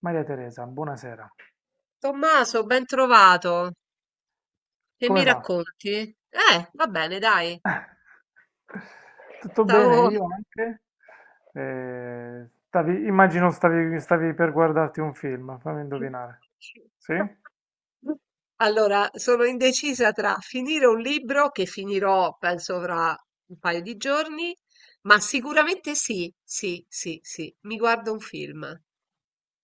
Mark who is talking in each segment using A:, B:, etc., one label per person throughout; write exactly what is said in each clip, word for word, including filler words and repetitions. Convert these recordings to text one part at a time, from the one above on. A: Maria Teresa, buonasera.
B: Tommaso, ben trovato. Che mi
A: Come va?
B: racconti? Eh, va bene, dai.
A: Tutto bene?
B: Stavo...
A: Io anche? Eh, stavi- immagino stavi, stavi per guardarti un film, fammi indovinare. Sì?
B: Allora, sono indecisa tra finire un libro che finirò, penso, fra un paio di giorni, ma sicuramente sì, sì, sì, sì, mi guardo un film.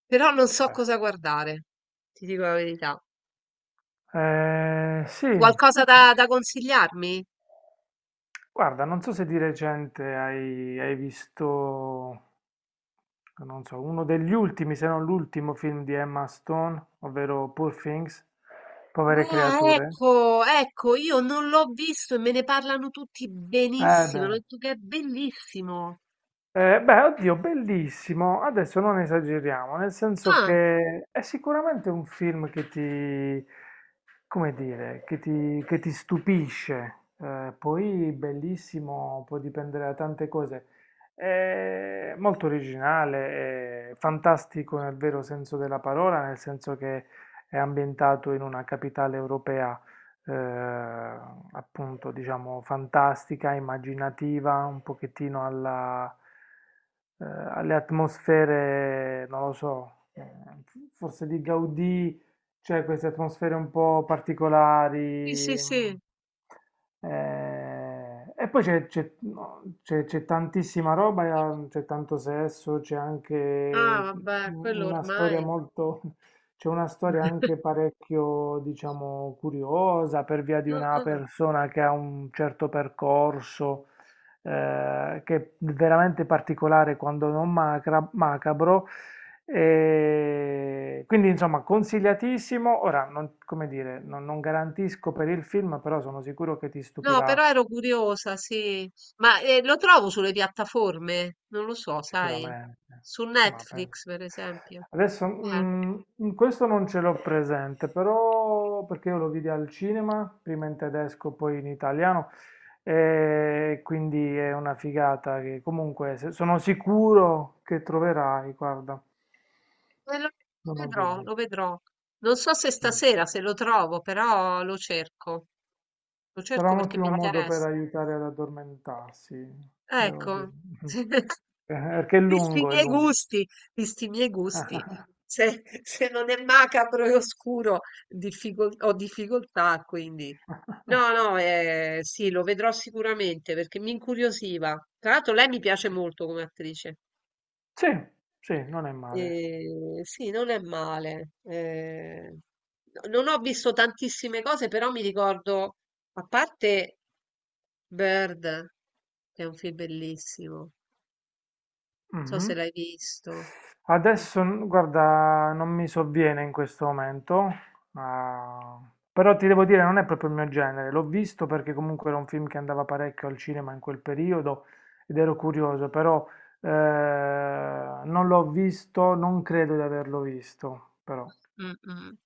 B: Però non so
A: Beh.
B: cosa guardare, ti dico la verità.
A: Eh, sì,
B: Qualcosa da, da consigliarmi?
A: Guarda, non so se di recente hai, hai visto, non so, uno degli ultimi, se non l'ultimo film di Emma Stone, ovvero Poor Things, Povere
B: Ah,
A: creature.
B: ecco, ecco, io non l'ho visto e me ne parlano tutti
A: Eh
B: benissimo. Hanno
A: beh,
B: detto che è bellissimo.
A: Eh, beh, oddio, bellissimo. Adesso non esageriamo, nel senso
B: Ah,
A: che è sicuramente un film che ti, come dire, che ti, che ti stupisce. Eh, poi bellissimo, può dipendere da tante cose. È molto originale, è fantastico nel vero senso della parola, nel senso che è ambientato in una capitale europea, eh, appunto, diciamo, fantastica, immaginativa, un pochettino alla, eh, alle atmosfere, non lo so, eh, forse di Gaudì, c'è queste atmosfere un po'
B: sì, sì,
A: particolari. Mm,
B: sì.
A: eh, e poi c'è c'è- no, c'è- c'è tantissima roba, eh, c'è tanto sesso, c'è
B: Ah,
A: anche
B: vabbè, quello
A: una storia
B: ormai.
A: molto... C'è una storia anche parecchio, diciamo, curiosa per via di
B: Ah,
A: una
B: ah.
A: persona che ha un certo percorso, eh, che è veramente particolare quando non macra- macabro. E quindi, insomma, consigliatissimo. Ora, non, come dire, non, non garantisco per il film, però sono sicuro che ti
B: No, però
A: stupirà.
B: ero curiosa, sì. Ma eh, lo trovo sulle piattaforme? Non lo so, sai.
A: Sicuramente,
B: Su
A: ma pen-
B: Netflix, per esempio.
A: adesso
B: Eh,
A: mm, in questo non ce l'ho presente, però perché io lo vidi al cinema, prima in tedesco, poi in italiano, e quindi è una figata che comunque se- sono sicuro che troverai, guarda,
B: eh, lo lo
A: non ho
B: vedrò,
A: dubbi.
B: lo vedrò. Non so se
A: Sì.
B: stasera, se lo trovo, però lo cerco. Lo
A: Sarà
B: cerco
A: un
B: perché mi
A: ottimo modo per
B: interessa.
A: aiutare ad addormentarsi, devo dire.
B: Ecco,
A: Eh, Perché è
B: visti i
A: lungo, è
B: miei
A: lungo.
B: gusti, visti i miei gusti, se se non è macabro e oscuro difficol ho difficoltà, quindi no, no, ehm, sì, lo vedrò sicuramente perché mi incuriosiva. Tra l'altro lei mi piace molto come attrice.
A: Sì, sì, non è male.
B: Ehm, sì, non è male. Ehm, no, non ho visto tantissime cose, però mi ricordo, a parte Bird, che è un film bellissimo. So se
A: Mhm.
B: l'hai visto.
A: Adesso, n- guarda, non mi sovviene in questo momento, ah, però ti devo dire, non è proprio il mio genere. L'ho visto perché comunque era un film che andava parecchio al cinema in quel periodo ed ero curioso, però eh, non l'ho visto, non credo di averlo visto, però
B: Mm-mm.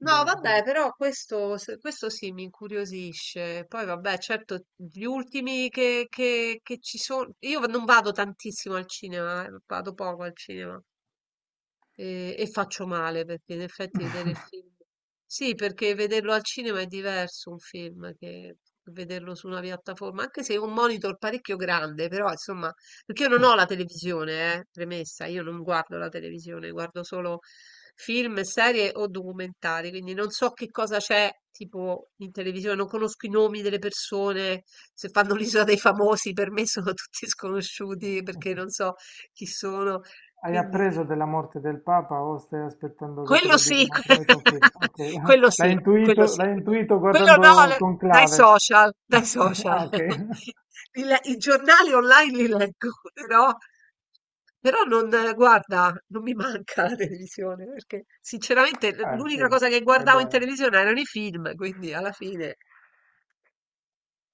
B: No,
A: beh,
B: vabbè,
A: vedi.
B: però questo, se- questo sì mi incuriosisce. Poi, vabbè, certo, gli ultimi che, che- che ci sono. Io non vado tantissimo al cinema, eh, vado poco al cinema. E, e faccio male perché in effetti vedere il film. Sì, perché vederlo al cinema è diverso un film che vederlo su una piattaforma, anche se è un monitor parecchio grande, però insomma, perché io non ho la televisione, eh, premessa, io non guardo la televisione, guardo solo film, serie o documentari, quindi non so che cosa c'è tipo in televisione, non conosco i nomi delle persone, se fanno l'isola dei famosi per me sono tutti sconosciuti perché non so chi sono,
A: Hai
B: quindi
A: appreso della morte del Papa o stai aspettando che te
B: quello
A: lo
B: sì,
A: dicano tramite un film?
B: que
A: Ok,
B: quello
A: l'hai
B: sì, quello
A: intuito,
B: sì.
A: l'hai intuito
B: Quello no,
A: guardando
B: l dai
A: Conclave.
B: social, dai social.
A: Ah, ok.
B: Li le I giornali online li leggo, però però non eh, guarda, non mi manca la televisione, perché sinceramente l
A: Eh
B: l'unica
A: sì,
B: cosa che
A: va
B: guardavo in
A: bene.
B: televisione erano i film, quindi alla fine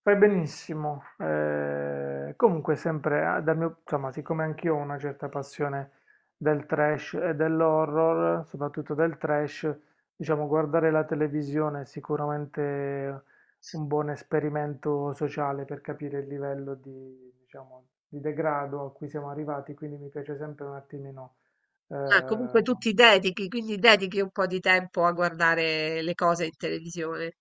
A: Fai benissimo. Eh, comunque sempre, ah, dal mio, insomma, siccome anch'io ho una certa passione del trash e dell'horror, soprattutto del trash, diciamo guardare la televisione è sicuramente un buon esperimento sociale per capire il livello di, diciamo, di degrado a cui siamo arrivati, quindi mi piace sempre un attimino. eh,
B: ah, comunque tu ti dedichi, quindi dedichi un po' di tempo a guardare le cose in televisione.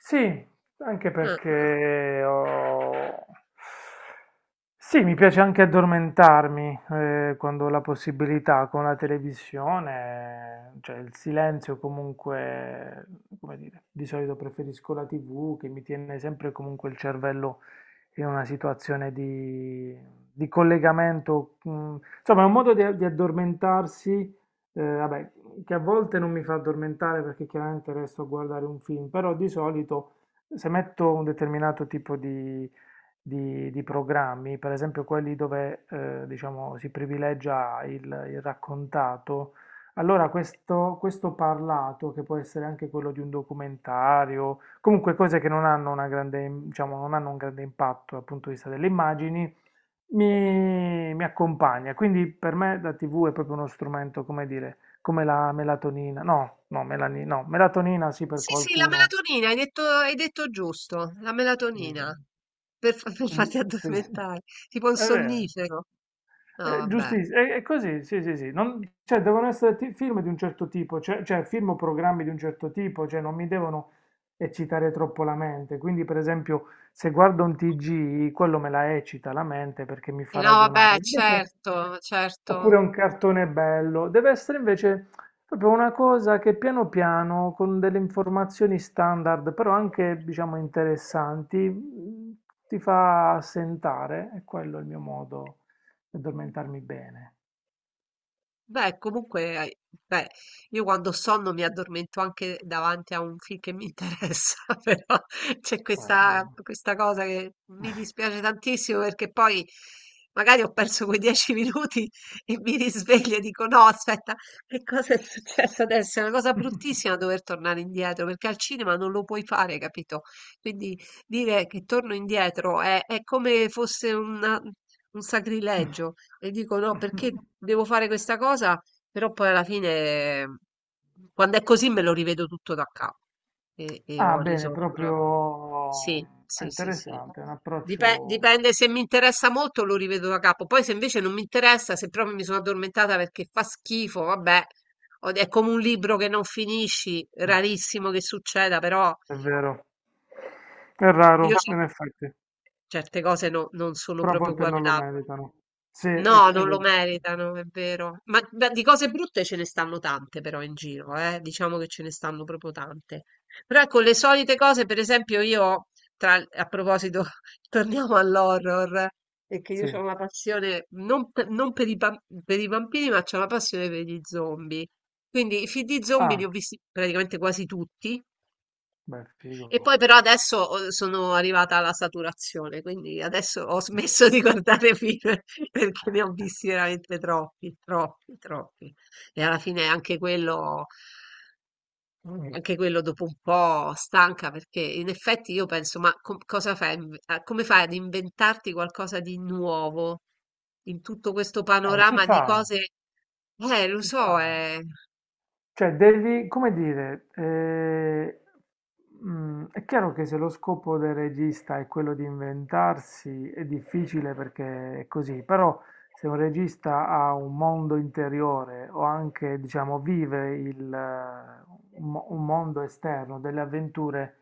A: Sì, anche
B: Ah, ah.
A: perché ho... Sì, mi piace anche addormentarmi eh, quando ho la possibilità con la televisione, cioè il silenzio comunque, come dire, di solito preferisco la ti vu che mi tiene sempre comunque il cervello in una situazione di, di collegamento. mm, Insomma, è un modo di, di addormentarsi, eh, vabbè, che a volte non mi fa addormentare perché chiaramente resto a guardare un film, però di solito se metto un determinato tipo di, di- di programmi, per esempio quelli dove eh, diciamo, si privilegia il, il raccontato, allora questo, questo parlato, che può essere anche quello di un documentario, comunque cose che non hanno una grande, diciamo, non hanno un grande impatto dal punto di vista delle immagini, mi, mi accompagna. Quindi per me la ti vu è proprio uno strumento, come dire, come la melatonina. No, no, melani- no, melatonina sì per
B: Sì, sì, la
A: qualcuno.
B: melatonina, hai detto hai detto giusto, la melatonina.
A: eh,
B: Per fa per
A: Quindi,
B: farti
A: sì,
B: addormentare, tipo un
A: è vero.
B: sonnifero. No,
A: È
B: vabbè.
A: giustissimo, è, è così, sì, sì, sì. Non- cioè, devono essere ti- film di un certo tipo, cioè, cioè film o programmi di un certo tipo, cioè non mi devono eccitare troppo la mente. Quindi, per esempio, se guardo un ti gi, quello me la eccita la mente perché mi
B: E
A: fa
B: no,
A: ragionare.
B: vabbè,
A: Invece,
B: certo, certo.
A: oppure un cartone bello. Deve essere invece proprio una cosa che piano piano, con delle informazioni standard, però anche, diciamo, interessanti, mh, ti fa assentare. E quello è il mio modo di addormentarmi bene.
B: Beh, comunque, hai- beh, io quando ho sonno mi addormento anche davanti a un film che mi interessa, però c'è
A: Eh, eh.
B: questa, questa cosa che mi dispiace tantissimo perché poi magari ho perso quei dieci minuti e mi risveglio e dico no, aspetta, che cosa è successo adesso? È una cosa bruttissima dover tornare indietro perché al cinema non lo puoi fare, capito? Quindi dire che torno indietro è, è come fosse una- un sacrilegio e dico no, perché devo fare questa cosa? Però poi alla fine, quando è così, me lo rivedo tutto da capo e, e
A: Ah,
B: ho
A: bene,
B: risolto la cosa.
A: proprio
B: Sì,
A: è
B: sì, sì, sì.
A: interessante, è un
B: Dipen-
A: approccio,
B: Dipende se mi interessa molto, lo rivedo da capo. Poi se invece non mi interessa, se proprio mi sono addormentata perché fa schifo, vabbè, ho- è come un libro che non finisci, rarissimo che succeda, però
A: è vero, è
B: io
A: raro in effetti,
B: certe cose no- non sono
A: però a
B: proprio
A: volte non lo
B: guardabili.
A: meritano. Sì, è,
B: No,
A: è
B: non lo
A: vero.
B: meritano, è vero. Ma, ma di cose brutte ce ne stanno tante però in giro, eh? Diciamo che ce ne stanno proprio tante. Però ecco, le solite cose, per esempio io, tra- a proposito, torniamo all'horror, perché io ho
A: Sì.
B: una passione, non, per, non per i, bam- per i bambini, ma c'ho una passione per gli zombie. Quindi i film di zombie li ho
A: Ah,
B: visti praticamente quasi tutti,
A: beh figo.
B: e poi però adesso ho- sono arrivata alla saturazione, quindi adesso ho smesso di guardare film perché ne ho visti veramente troppi, troppi, troppi. E alla fine anche quello, mm, anche quello dopo un po' stanca perché in effetti io penso, ma com- cosa fai? a inve- a- Come fai ad inventarti qualcosa di nuovo in tutto questo
A: Eh si
B: panorama di
A: fa,
B: cose? Eh, lo
A: si fa.
B: so, eh.
A: Cioè, devi, come dire, eh, mm, è chiaro che se lo scopo del regista è quello di inventarsi, è difficile perché è così, però se un regista ha un mondo interiore o anche, diciamo, vive il, eh, un, mo- un mondo esterno, delle avventure,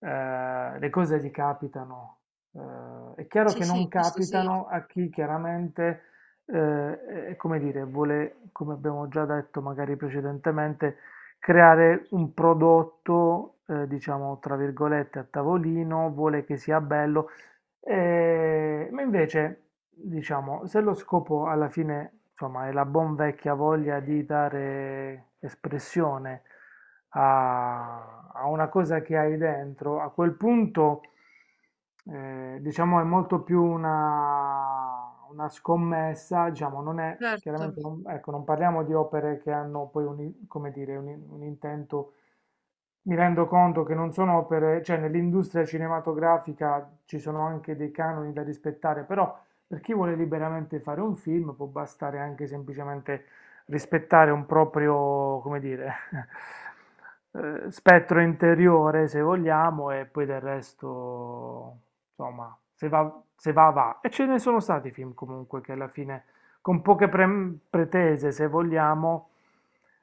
A: eh, le cose gli capitano. Eh, è chiaro
B: Sì,
A: che
B: sì,
A: non
B: questo sì,
A: capitano a chi chiaramente eh, e come dire, vuole, come abbiamo già detto magari precedentemente, creare un prodotto, eh, diciamo, tra virgolette, a tavolino, vuole che sia bello, eh, ma invece, diciamo, se lo scopo alla fine, insomma, è la buon vecchia voglia di dare espressione a, a una cosa che hai dentro, a quel punto, eh, diciamo, è molto più una una, una scommessa, diciamo, non è,
B: certo.
A: chiaramente non, ecco, non parliamo di opere che hanno poi un, i- come dire, un, in- un intento, mi rendo conto che non sono opere, cioè nell'industria cinematografica ci sono anche dei canoni da rispettare, però per chi vuole liberamente fare un film può bastare anche semplicemente rispettare un proprio, come dire, eh, spettro interiore, se vogliamo, e poi del resto insomma, se va, se va, va. E ce ne sono stati film comunque che alla fine, con poche pre- pretese, se vogliamo,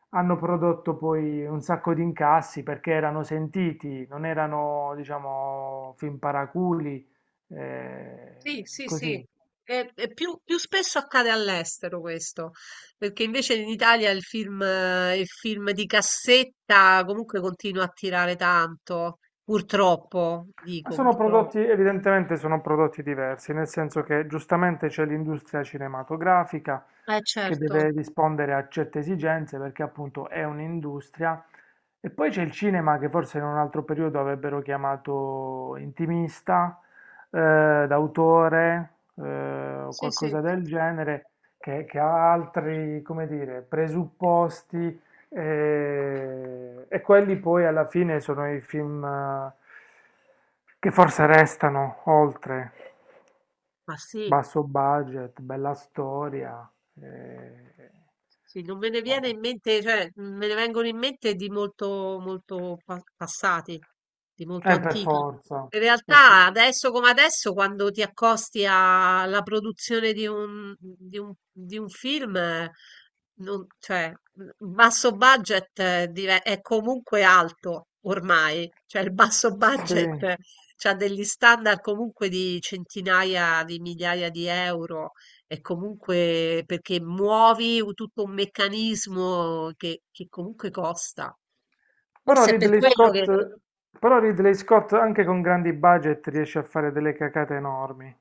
A: hanno prodotto poi un sacco di incassi perché erano sentiti, non erano, diciamo, film paraculi, eh,
B: Sì, sì, sì.
A: così.
B: E- e più, più spesso accade all'estero questo, perché invece in Italia il film, eh, il film di cassetta comunque continua a tirare tanto, purtroppo,
A: Ma
B: dico
A: sono prodotti,
B: purtroppo.
A: evidentemente sono prodotti diversi, nel senso che giustamente c'è l'industria cinematografica
B: Eh
A: che
B: certo,
A: deve rispondere a certe esigenze perché appunto è un'industria, e poi c'è il cinema che forse in un altro periodo avrebbero chiamato intimista, eh, d'autore, eh, o
B: sì, sì.
A: qualcosa del genere, che, che ha altri, come dire, presupposti e, e quelli poi alla fine sono i film eh, che forse restano oltre,
B: Ma sì.
A: basso budget, bella storia. eh,
B: Sì, non me ne viene in mente, cioè mhmm, me ne vengono in mente di molto, molto pa- passati, di molto
A: eh, per
B: antichi.
A: forza.
B: In
A: Eh, Sì.
B: realtà, adesso come adesso, quando ti accosti a- alla produzione di un, di un- di un film, eh, non- cioè, il basso budget eh, dive- è comunque alto ormai, cioè il basso budget
A: Sì.
B: ha degli standard comunque di centinaia di migliaia di euro è comunque perché muovi un- tutto un meccanismo che, che comunque costa.
A: Però
B: Forse è per
A: Ridley
B: quello che...
A: Scott, però Ridley Scott anche con grandi budget riesce a fare delle cacate enormi.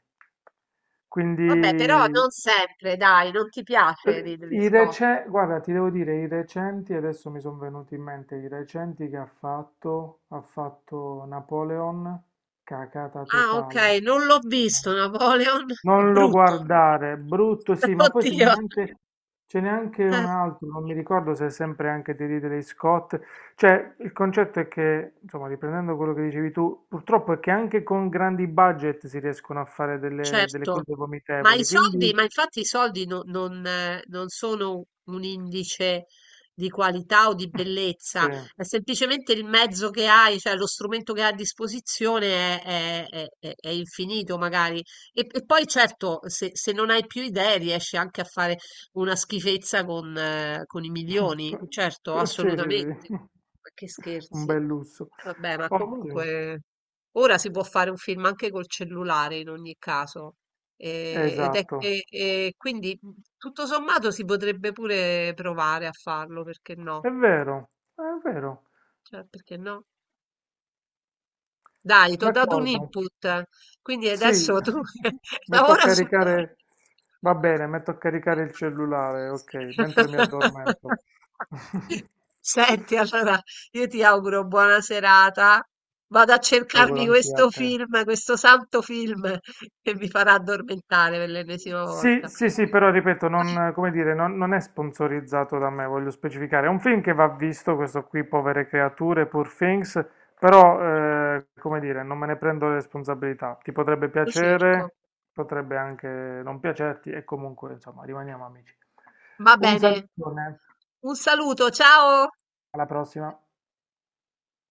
B: Vabbè, però
A: Quindi
B: non sempre, dai, non ti piace Ridley
A: I
B: Scott.
A: rece- guarda, ti devo dire, i recenti, adesso mi sono venuti in mente i recenti che ha fatto, ha fatto Napoleon, cacata
B: Ah, ok,
A: totale.
B: non l'ho visto,
A: No.
B: Napoleon, è
A: Non lo
B: brutto.
A: guardare, brutto sì, ma poi ce n'è
B: Oddio.
A: anche, ce n'è anche
B: Eh.
A: un altro, non mi ricordo se è sempre anche di Ridley Scott. Cioè, il concetto è che, insomma, riprendendo quello che dicevi tu, purtroppo è che anche con grandi budget si riescono a fare delle, delle
B: Certo,
A: cose
B: ma i
A: vomitevoli,
B: soldi,
A: quindi
B: ma infatti i soldi no- non, eh, non sono un indice di qualità o di
A: sì.
B: bellezza, è semplicemente il mezzo che hai, cioè lo strumento che hai a disposizione è, è- è- è- è infinito magari. E, e poi certo, se, se non hai più idee riesci anche a fare una schifezza con, eh, con i milioni,
A: Que-
B: certo,
A: que- Sì, sì,
B: assolutamente.
A: sì,
B: Ma che
A: un
B: scherzi.
A: bel lusso.
B: Vabbè, ma
A: Ottimo,
B: comunque... Ora si può fare un film anche col cellulare in ogni caso, eh, ed è
A: esatto.
B: che e quindi mhmm, tutto sommato si potrebbe pure provare a farlo, perché no?
A: È vero, è vero.
B: Cioè, perché no? Dai, ti ho dato un
A: D'accordo.
B: input, quindi
A: Sì,
B: adesso tu
A: metto a
B: lavora su
A: caricare, va bene, metto a caricare il cellulare, ok, mentre mi addormento.
B: Senti, allora io ti auguro buona serata. Vado a
A: Lo auguro
B: cercarmi
A: anche a
B: questo
A: te.
B: film, questo santo film che mi farà addormentare per l'ennesima
A: Sì,
B: volta.
A: sì, sì, però ripeto, non, come dire, non, non è sponsorizzato da me, voglio specificare. È un film che va visto, questo qui, Povere creature, Poor Things, però, eh, come dire, non me ne prendo le responsabilità. Ti potrebbe
B: Lo
A: piacere,
B: cerco.
A: potrebbe anche non piacerti, e comunque, insomma, rimaniamo amici.
B: Va
A: Un
B: bene.
A: salutone,
B: Un saluto, ciao!
A: alla prossima.